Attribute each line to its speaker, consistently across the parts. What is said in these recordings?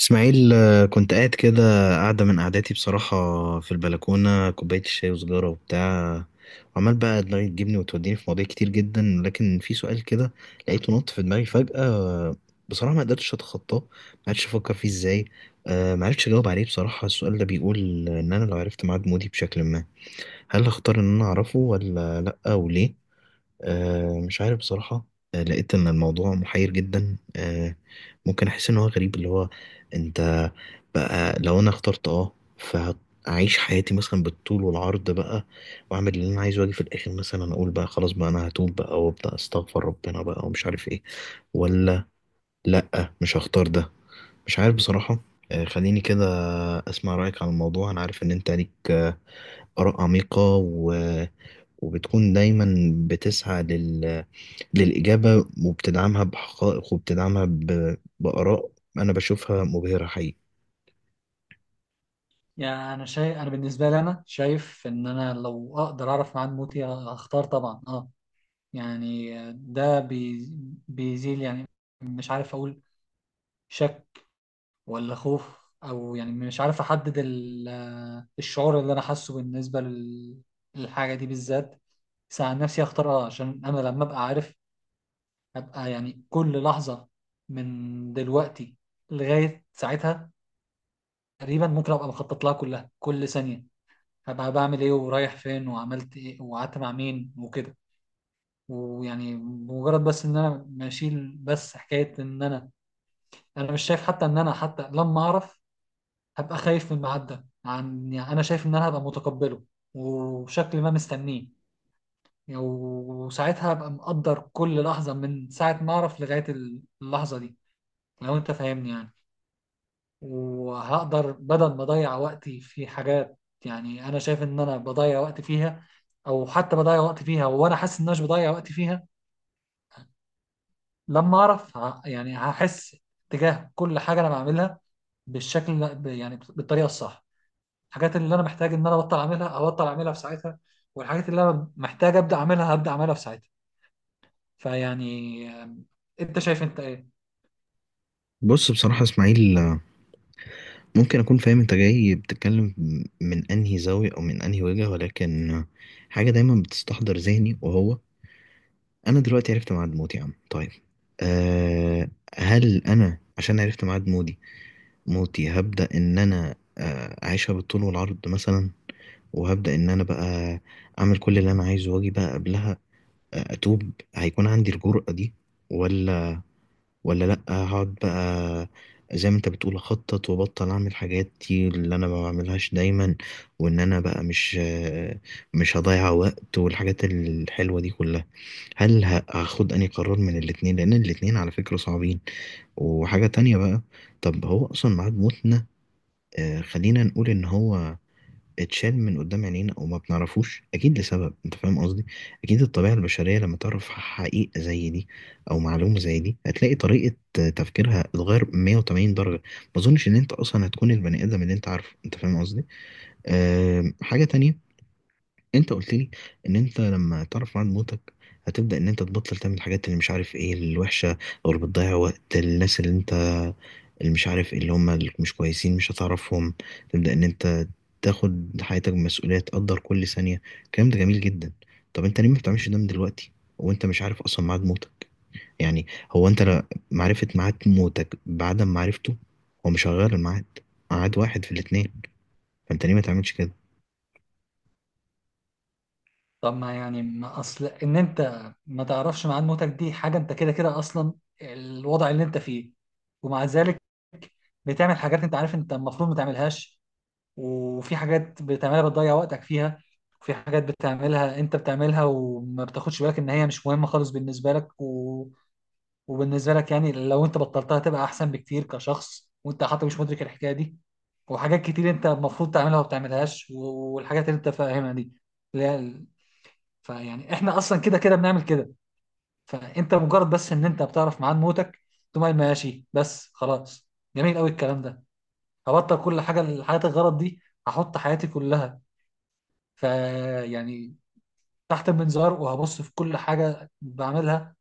Speaker 1: اسماعيل، كنت قاعد كده، قاعدة من قعداتي بصراحة، في البلكونة كوباية الشاي وسجارة وبتاع. وعمال بقى دماغي تجيبني وتوديني في مواضيع كتير جدا، لكن في سؤال كده لقيته نط في دماغي فجأة. بصراحة ما قدرتش أتخطاه، ما عرفتش أفكر فيه إزاي. ما عرفتش أجاوب عليه. بصراحة السؤال ده بيقول إن أنا لو عرفت ميعاد مودي بشكل ما، هل هختار إن أنا أعرفه ولا لأ، وليه؟ مش عارف بصراحة. لقيت إن الموضوع محير جدا. ممكن أحس إن هو غريب، اللي هو أنت بقى لو أنا اخترت أه فأعيش حياتي مثلا بالطول والعرض بقى، وأعمل اللي أنا عايزه، وأجي في الآخر مثلا أقول بقى خلاص بقى أنا هتوب بقى وأبدأ أستغفر ربنا بقى ومش عارف إيه، ولا لأ مش هختار ده. مش عارف بصراحة. خليني كده أسمع رأيك عن الموضوع. أنا عارف إن أنت ليك آراء عميقة وبتكون دايما بتسعى للإجابة، وبتدعمها بحقائق وبتدعمها بآراء أنا بشوفها مبهرة حقيقي.
Speaker 2: يعني انا بالنسبه لي انا شايف ان انا لو اقدر اعرف ميعاد موتي هختار طبعا اه. يعني ده بيزيل، يعني مش عارف اقول شك ولا خوف، او يعني مش عارف احدد الشعور اللي انا حاسه بالنسبه للحاجه دي بالذات. بس عن نفسي اختار اه، عشان انا لما ابقى عارف ابقى يعني كل لحظه من دلوقتي لغايه ساعتها تقريبا ممكن ابقى مخطط لها كلها، كل ثانيه هبقى بعمل ايه ورايح فين وعملت ايه وقعدت مع مين وكده. ويعني بمجرد بس ان انا بشيل بس حكايه ان انا مش شايف حتى ان انا حتى لما اعرف هبقى خايف من الميعاد ده، عن يعني انا شايف ان انا هبقى متقبله وشكل ما مستنيه. يعني وساعتها هبقى مقدر كل لحظه من ساعه ما اعرف لغايه اللحظه دي، لو انت فاهمني يعني. وهقدر بدل ما اضيع وقتي في حاجات يعني انا شايف ان انا بضيع وقت فيها، او حتى بضيع وقت فيها وانا حاسس ان انا مش بضيع وقت فيها، لما اعرف يعني هحس تجاه كل حاجه انا بعملها بالشكل يعني بالطريقه الصح. الحاجات اللي انا محتاج ان انا ابطل اعملها هبطل اعملها في ساعتها، والحاجات اللي انا محتاج ابدا اعملها هبدا اعملها في ساعتها. فيعني انت شايف انت ايه؟
Speaker 1: بص، بصراحة يا إسماعيل، ممكن أكون فاهم أنت جاي بتتكلم من أنهي زاوية أو من أنهي وجهة، ولكن حاجة دايما بتستحضر ذهني، وهو أنا دلوقتي عرفت ميعاد موتي. يا عم طيب، أه، هل أنا عشان عرفت ميعاد موتي هبدأ إن أنا أعيشها بالطول والعرض مثلا، وهبدأ إن أنا بقى أعمل كل اللي أنا عايزه وأجي بقى قبلها اتوب، هيكون عندي الجرأة دي؟ ولا ولا لا، هقعد بقى زي ما انت بتقول، اخطط وابطل اعمل حاجات، دي اللي انا ما بعملهاش دايما، وان انا بقى مش هضيع وقت، والحاجات الحلوة دي كلها؟ هل هاخد اني قرار من الاتنين، لان الاتنين على فكرة صعبين. وحاجة تانية بقى، طب هو اصلا ميعاد موتنا خلينا نقول ان هو اتشال من قدام عينينا وما بنعرفوش، اكيد لسبب انت فاهم قصدي. اكيد الطبيعه البشريه لما تعرف حقيقه زي دي او معلومه زي دي، هتلاقي طريقه تفكيرها اتغير 180 درجه. ما اظنش ان انت اصلا هتكون البني ادم اللي انت عارفه، انت فاهم قصدي. أه، حاجه تانية. انت قلت لي ان انت لما تعرف ميعاد موتك هتبدا ان انت تبطل تعمل الحاجات اللي مش عارف ايه الوحشه، او اللي بتضيع وقت، الناس اللي انت، اللي مش عارف إيه، اللي هم اللي مش كويسين، مش هتعرفهم. تبدأ ان انت تاخد حياتك بمسؤولية، تقدر كل ثانية. الكلام ده جميل جدا. طب انت ليه ما بتعملش ده من دلوقتي وانت مش عارف اصلا ميعاد موتك؟ يعني، هو انت معرفة ميعاد موتك بعدم معرفته هو مش هيغير الميعاد. ميعاد واحد في الاتنين، فانت ليه ما تعملش كده؟
Speaker 2: طب ما يعني ما اصل ان انت ما تعرفش ميعاد موتك دي حاجه انت كده كده اصلا الوضع اللي انت فيه، ومع ذلك بتعمل حاجات انت عارف انت المفروض ما تعملهاش، وفي حاجات بتعملها بتضيع وقتك فيها، وفي حاجات بتعملها انت بتعملها وما بتاخدش بالك ان هي مش مهمه خالص بالنسبه لك و... وبالنسبه لك، يعني لو انت بطلتها تبقى احسن بكتير كشخص، وانت حتى مش مدرك الحكايه دي. وحاجات كتير انت المفروض تعملها وما بتعملهاش والحاجات اللي انت فاهمها دي، لا. فيعني احنا اصلا كده كده بنعمل كده، فانت مجرد بس ان انت بتعرف ميعاد موتك تقوم قايل ماشي بس خلاص، جميل قوي الكلام ده، هبطل كل حاجه الحياة الغرض دي، هحط حياتي كلها فيعني تحت المنظار، وهبص في كل حاجه بعملها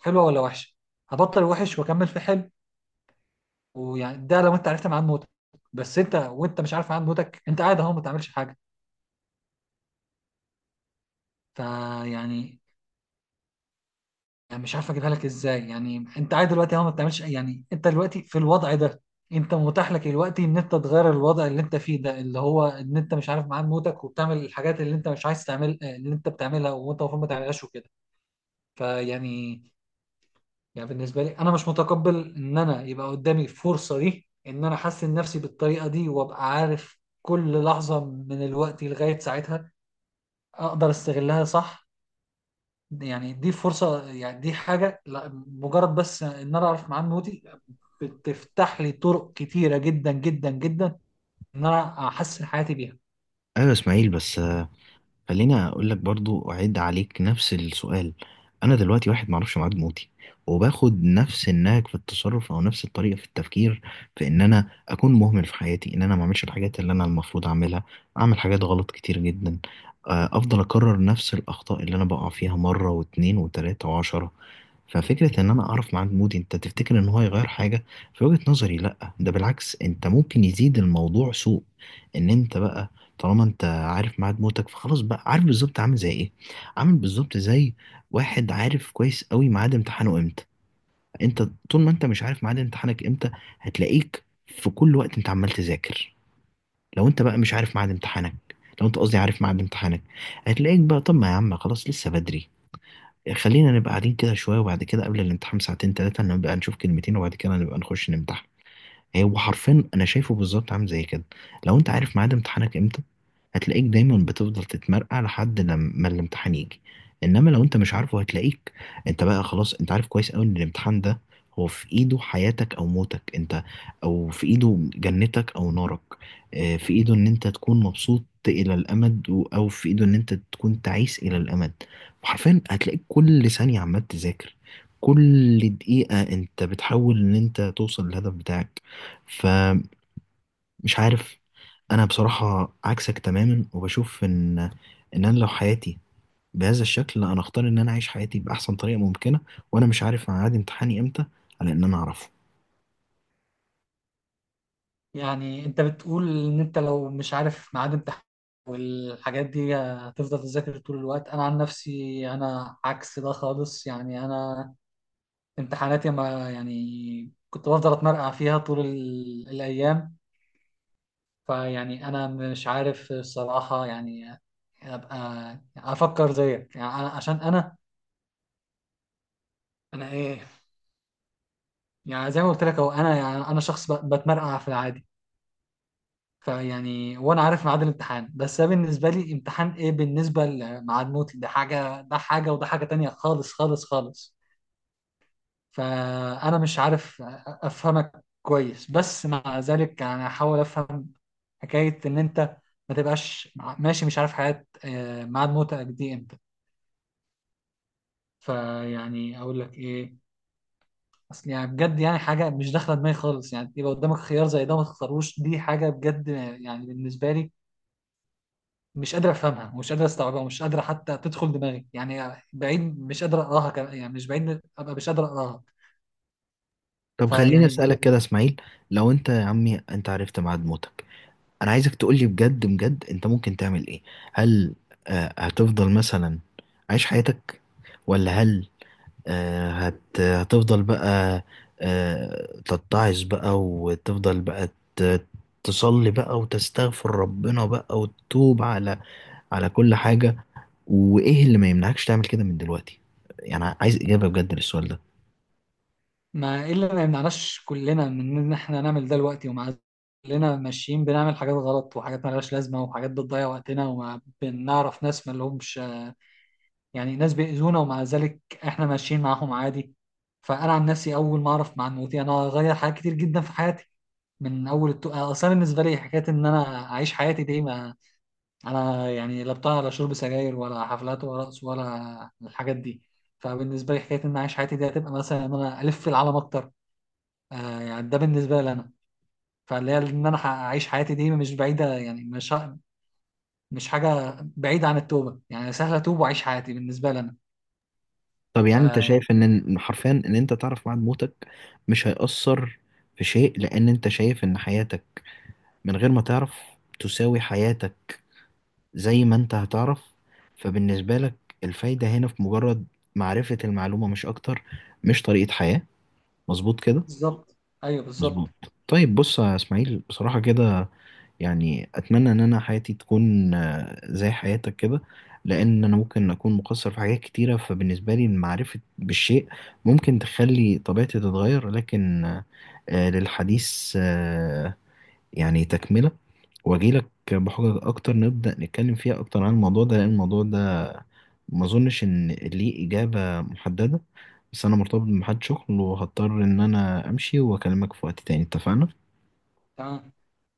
Speaker 2: حلوه ولا وحشه، هبطل وحش واكمل في حلو. ويعني ده لو انت عرفت ميعاد موتك، بس انت وانت مش عارف ميعاد موتك انت قاعد اهو ما بتعملش حاجه. فيعني يعني مش عارف اجيبها لك ازاي، يعني انت قاعد دلوقتي اهو ما بتعملش يعني انت دلوقتي في الوضع ده، انت متاح لك دلوقتي ان انت تغير الوضع اللي انت فيه ده، اللي هو ان انت مش عارف معاد موتك وبتعمل الحاجات اللي انت مش عايز تعمل، اللي انت بتعملها وانت المفروض ما تعملهاش وكده. فيعني يعني بالنسبه لي انا مش متقبل ان انا يبقى قدامي الفرصه دي ان انا احسن نفسي بالطريقه دي، وابقى عارف كل لحظه من الوقت لغايه ساعتها اقدر استغلها صح. يعني دي فرصة، يعني دي حاجة لا مجرد بس ان انا اعرف معاه نوتي، بتفتح لي طرق كتيرة جدا جدا جدا ان انا احسن حياتي بيها.
Speaker 1: ايوه يا اسماعيل، بس خليني اقول لك برضو، اعيد عليك نفس السؤال. انا دلوقتي واحد معرفش ميعاد موتي وباخد نفس النهج في التصرف او نفس الطريقه في التفكير، في ان انا اكون مهمل في حياتي، ان انا ما اعملش الحاجات اللي انا المفروض اعملها، اعمل حاجات غلط كتير جدا، افضل اكرر نفس الاخطاء اللي انا بقع فيها مره واتنين وتلاته وعشرة. ففكرة ان انا اعرف ميعاد مودي، انت تفتكر ان هو هيغير حاجة؟ في وجهة نظري لا، ده بالعكس انت ممكن يزيد الموضوع سوء. ان انت بقى طالما انت عارف ميعاد موتك، فخلاص بقى عارف بالظبط عامل زي ايه. عامل بالظبط زي واحد عارف كويس قوي ميعاد امتحانه امتى. انت طول ما انت مش عارف ميعاد امتحانك امتى، هتلاقيك في كل وقت انت عمال تذاكر. لو انت بقى مش عارف ميعاد امتحانك، لو انت قصدي عارف ميعاد امتحانك، هتلاقيك بقى طب ما يا عم خلاص لسه بدري، خلينا نبقى قاعدين كده شوية، وبعد كده قبل الامتحان ساعتين تلاتة نبقى نشوف كلمتين، وبعد كده نبقى نخش نمتحن. هو حرفيا انا شايفه بالظبط عامل زي كده. لو انت عارف ميعاد امتحانك امتى، هتلاقيك دايما بتفضل تتمرقع لحد لما الامتحان يجي. انما لو انت مش عارفه، هتلاقيك انت بقى خلاص انت عارف كويس قوي ان الامتحان ده هو في ايده حياتك او موتك انت، او في ايده جنتك او نارك. في ايده ان انت تكون مبسوط الى الامد او في ايده ان انت تكون تعيس الى الامد. وحرفيا هتلاقيك كل ثانية عمال تذاكر، كل دقيقة انت بتحاول ان انت توصل للهدف بتاعك. فمش عارف، انا بصراحة عكسك تماما، وبشوف ان انا لو حياتي بهذا الشكل لا، انا اختار ان انا اعيش حياتي باحسن طريقة ممكنة وانا مش عارف ميعاد امتحاني امتى، على ان انا اعرفه.
Speaker 2: يعني انت بتقول ان انت لو مش عارف ميعاد امتحان والحاجات دي هتفضل تذاكر طول الوقت، انا عن نفسي انا عكس ده خالص. يعني انا امتحاناتي ما يعني كنت بفضل اتمرقع فيها طول الايام. فيعني انا مش عارف الصراحه يعني ابقى افكر زيك. يعني أنا عشان انا ايه، يعني زي ما قلت لك اهو انا يعني انا شخص بتمرقع في العادي. فيعني وانا عارف ميعاد الامتحان، بس ده بالنسبه لي امتحان ايه بالنسبه لميعاد موت، ده حاجه ده حاجه وده حاجه تانية خالص خالص خالص. فانا مش عارف افهمك كويس، بس مع ذلك انا هحاول افهم حكايه ان انت ما تبقاش ماشي مش عارف حياه ميعاد موتك دي امتى. فيعني اقول لك ايه، اصل يعني بجد يعني حاجه مش داخله دماغي خالص، يعني يبقى قدامك خيار زي ده ما تختاروش، دي حاجه بجد يعني بالنسبه لي مش قادر افهمها ومش قادر استوعبها ومش قادر حتى تدخل دماغي، يعني بعيد مش قادر اقراها كمان، يعني مش بعيد ابقى مش قادر اقراها.
Speaker 1: طب خليني
Speaker 2: فيعني
Speaker 1: اسالك كده يا اسماعيل، لو انت يا عمي انت عرفت ميعاد موتك، انا عايزك تقولي بجد بجد انت ممكن تعمل ايه؟ هل هتفضل مثلا عايش حياتك، ولا هل هتفضل بقى تتعظ بقى وتفضل بقى ت- تصلي بقى وتستغفر ربنا بقى وتتوب على كل حاجة؟ وإيه اللي ما يمنعكش تعمل كده من دلوقتي؟ يعني عايز إجابة بجد للسؤال ده.
Speaker 2: ما ايه اللي ما يمنعناش كلنا من ان احنا نعمل ده دلوقتي؟ ومع كلنا ماشيين بنعمل حاجات غلط وحاجات مالهاش لازمه وحاجات بتضيع وقتنا، وما بنعرف ناس ما لهمش، يعني ناس بيأذونا ومع ذلك احنا ماشيين معاهم عادي. فانا عن نفسي اول ما اعرف معنوياتي انا هغير حاجات كتير جدا في حياتي. من اول اصلا بالنسبه لي حكايه ان انا اعيش حياتي دي، ما انا يعني لا بتاع ولا شرب سجاير ولا حفلات ولا رقص ولا الحاجات دي، فبالنسبه لي حكايه ان انا اعيش حياتي دي هتبقى مثلا ان انا الف في العالم اكتر. آه يعني ده بالنسبه لي انا. فاللي هي ان انا اعيش حياتي دي مش بعيده، يعني مش حاجه بعيده عن التوبه، يعني سهله اتوب واعيش حياتي بالنسبه لي انا.
Speaker 1: طب يعني أنت
Speaker 2: فيعني
Speaker 1: شايف إن حرفيا إن أنت تعرف بعد موتك مش هيأثر في شيء، لأن أنت شايف إن حياتك من غير ما تعرف تساوي حياتك زي ما انت هتعرف. فبالنسبة لك الفايدة هنا في مجرد معرفة المعلومة، مش أكتر، مش طريقة حياة. مظبوط كده؟
Speaker 2: بالظبط. ايوه بالظبط.
Speaker 1: مظبوط. طيب بص يا إسماعيل، بصراحة كده يعني أتمنى إن أنا حياتي تكون زي حياتك كده، لأن أنا ممكن أكون مقصر في حاجات كتيرة. فبالنسبة لي المعرفة بالشيء ممكن تخلي طبيعتي تتغير، لكن للحديث يعني تكملة، واجيلك بحجج اكتر، نبدأ نتكلم فيها اكتر عن الموضوع ده، لان الموضوع ده ما اظنش ان ليه اجابة محددة. بس انا مرتبط بميعاد شغل وهضطر ان انا امشي واكلمك في وقت تاني، اتفقنا؟
Speaker 2: تمام.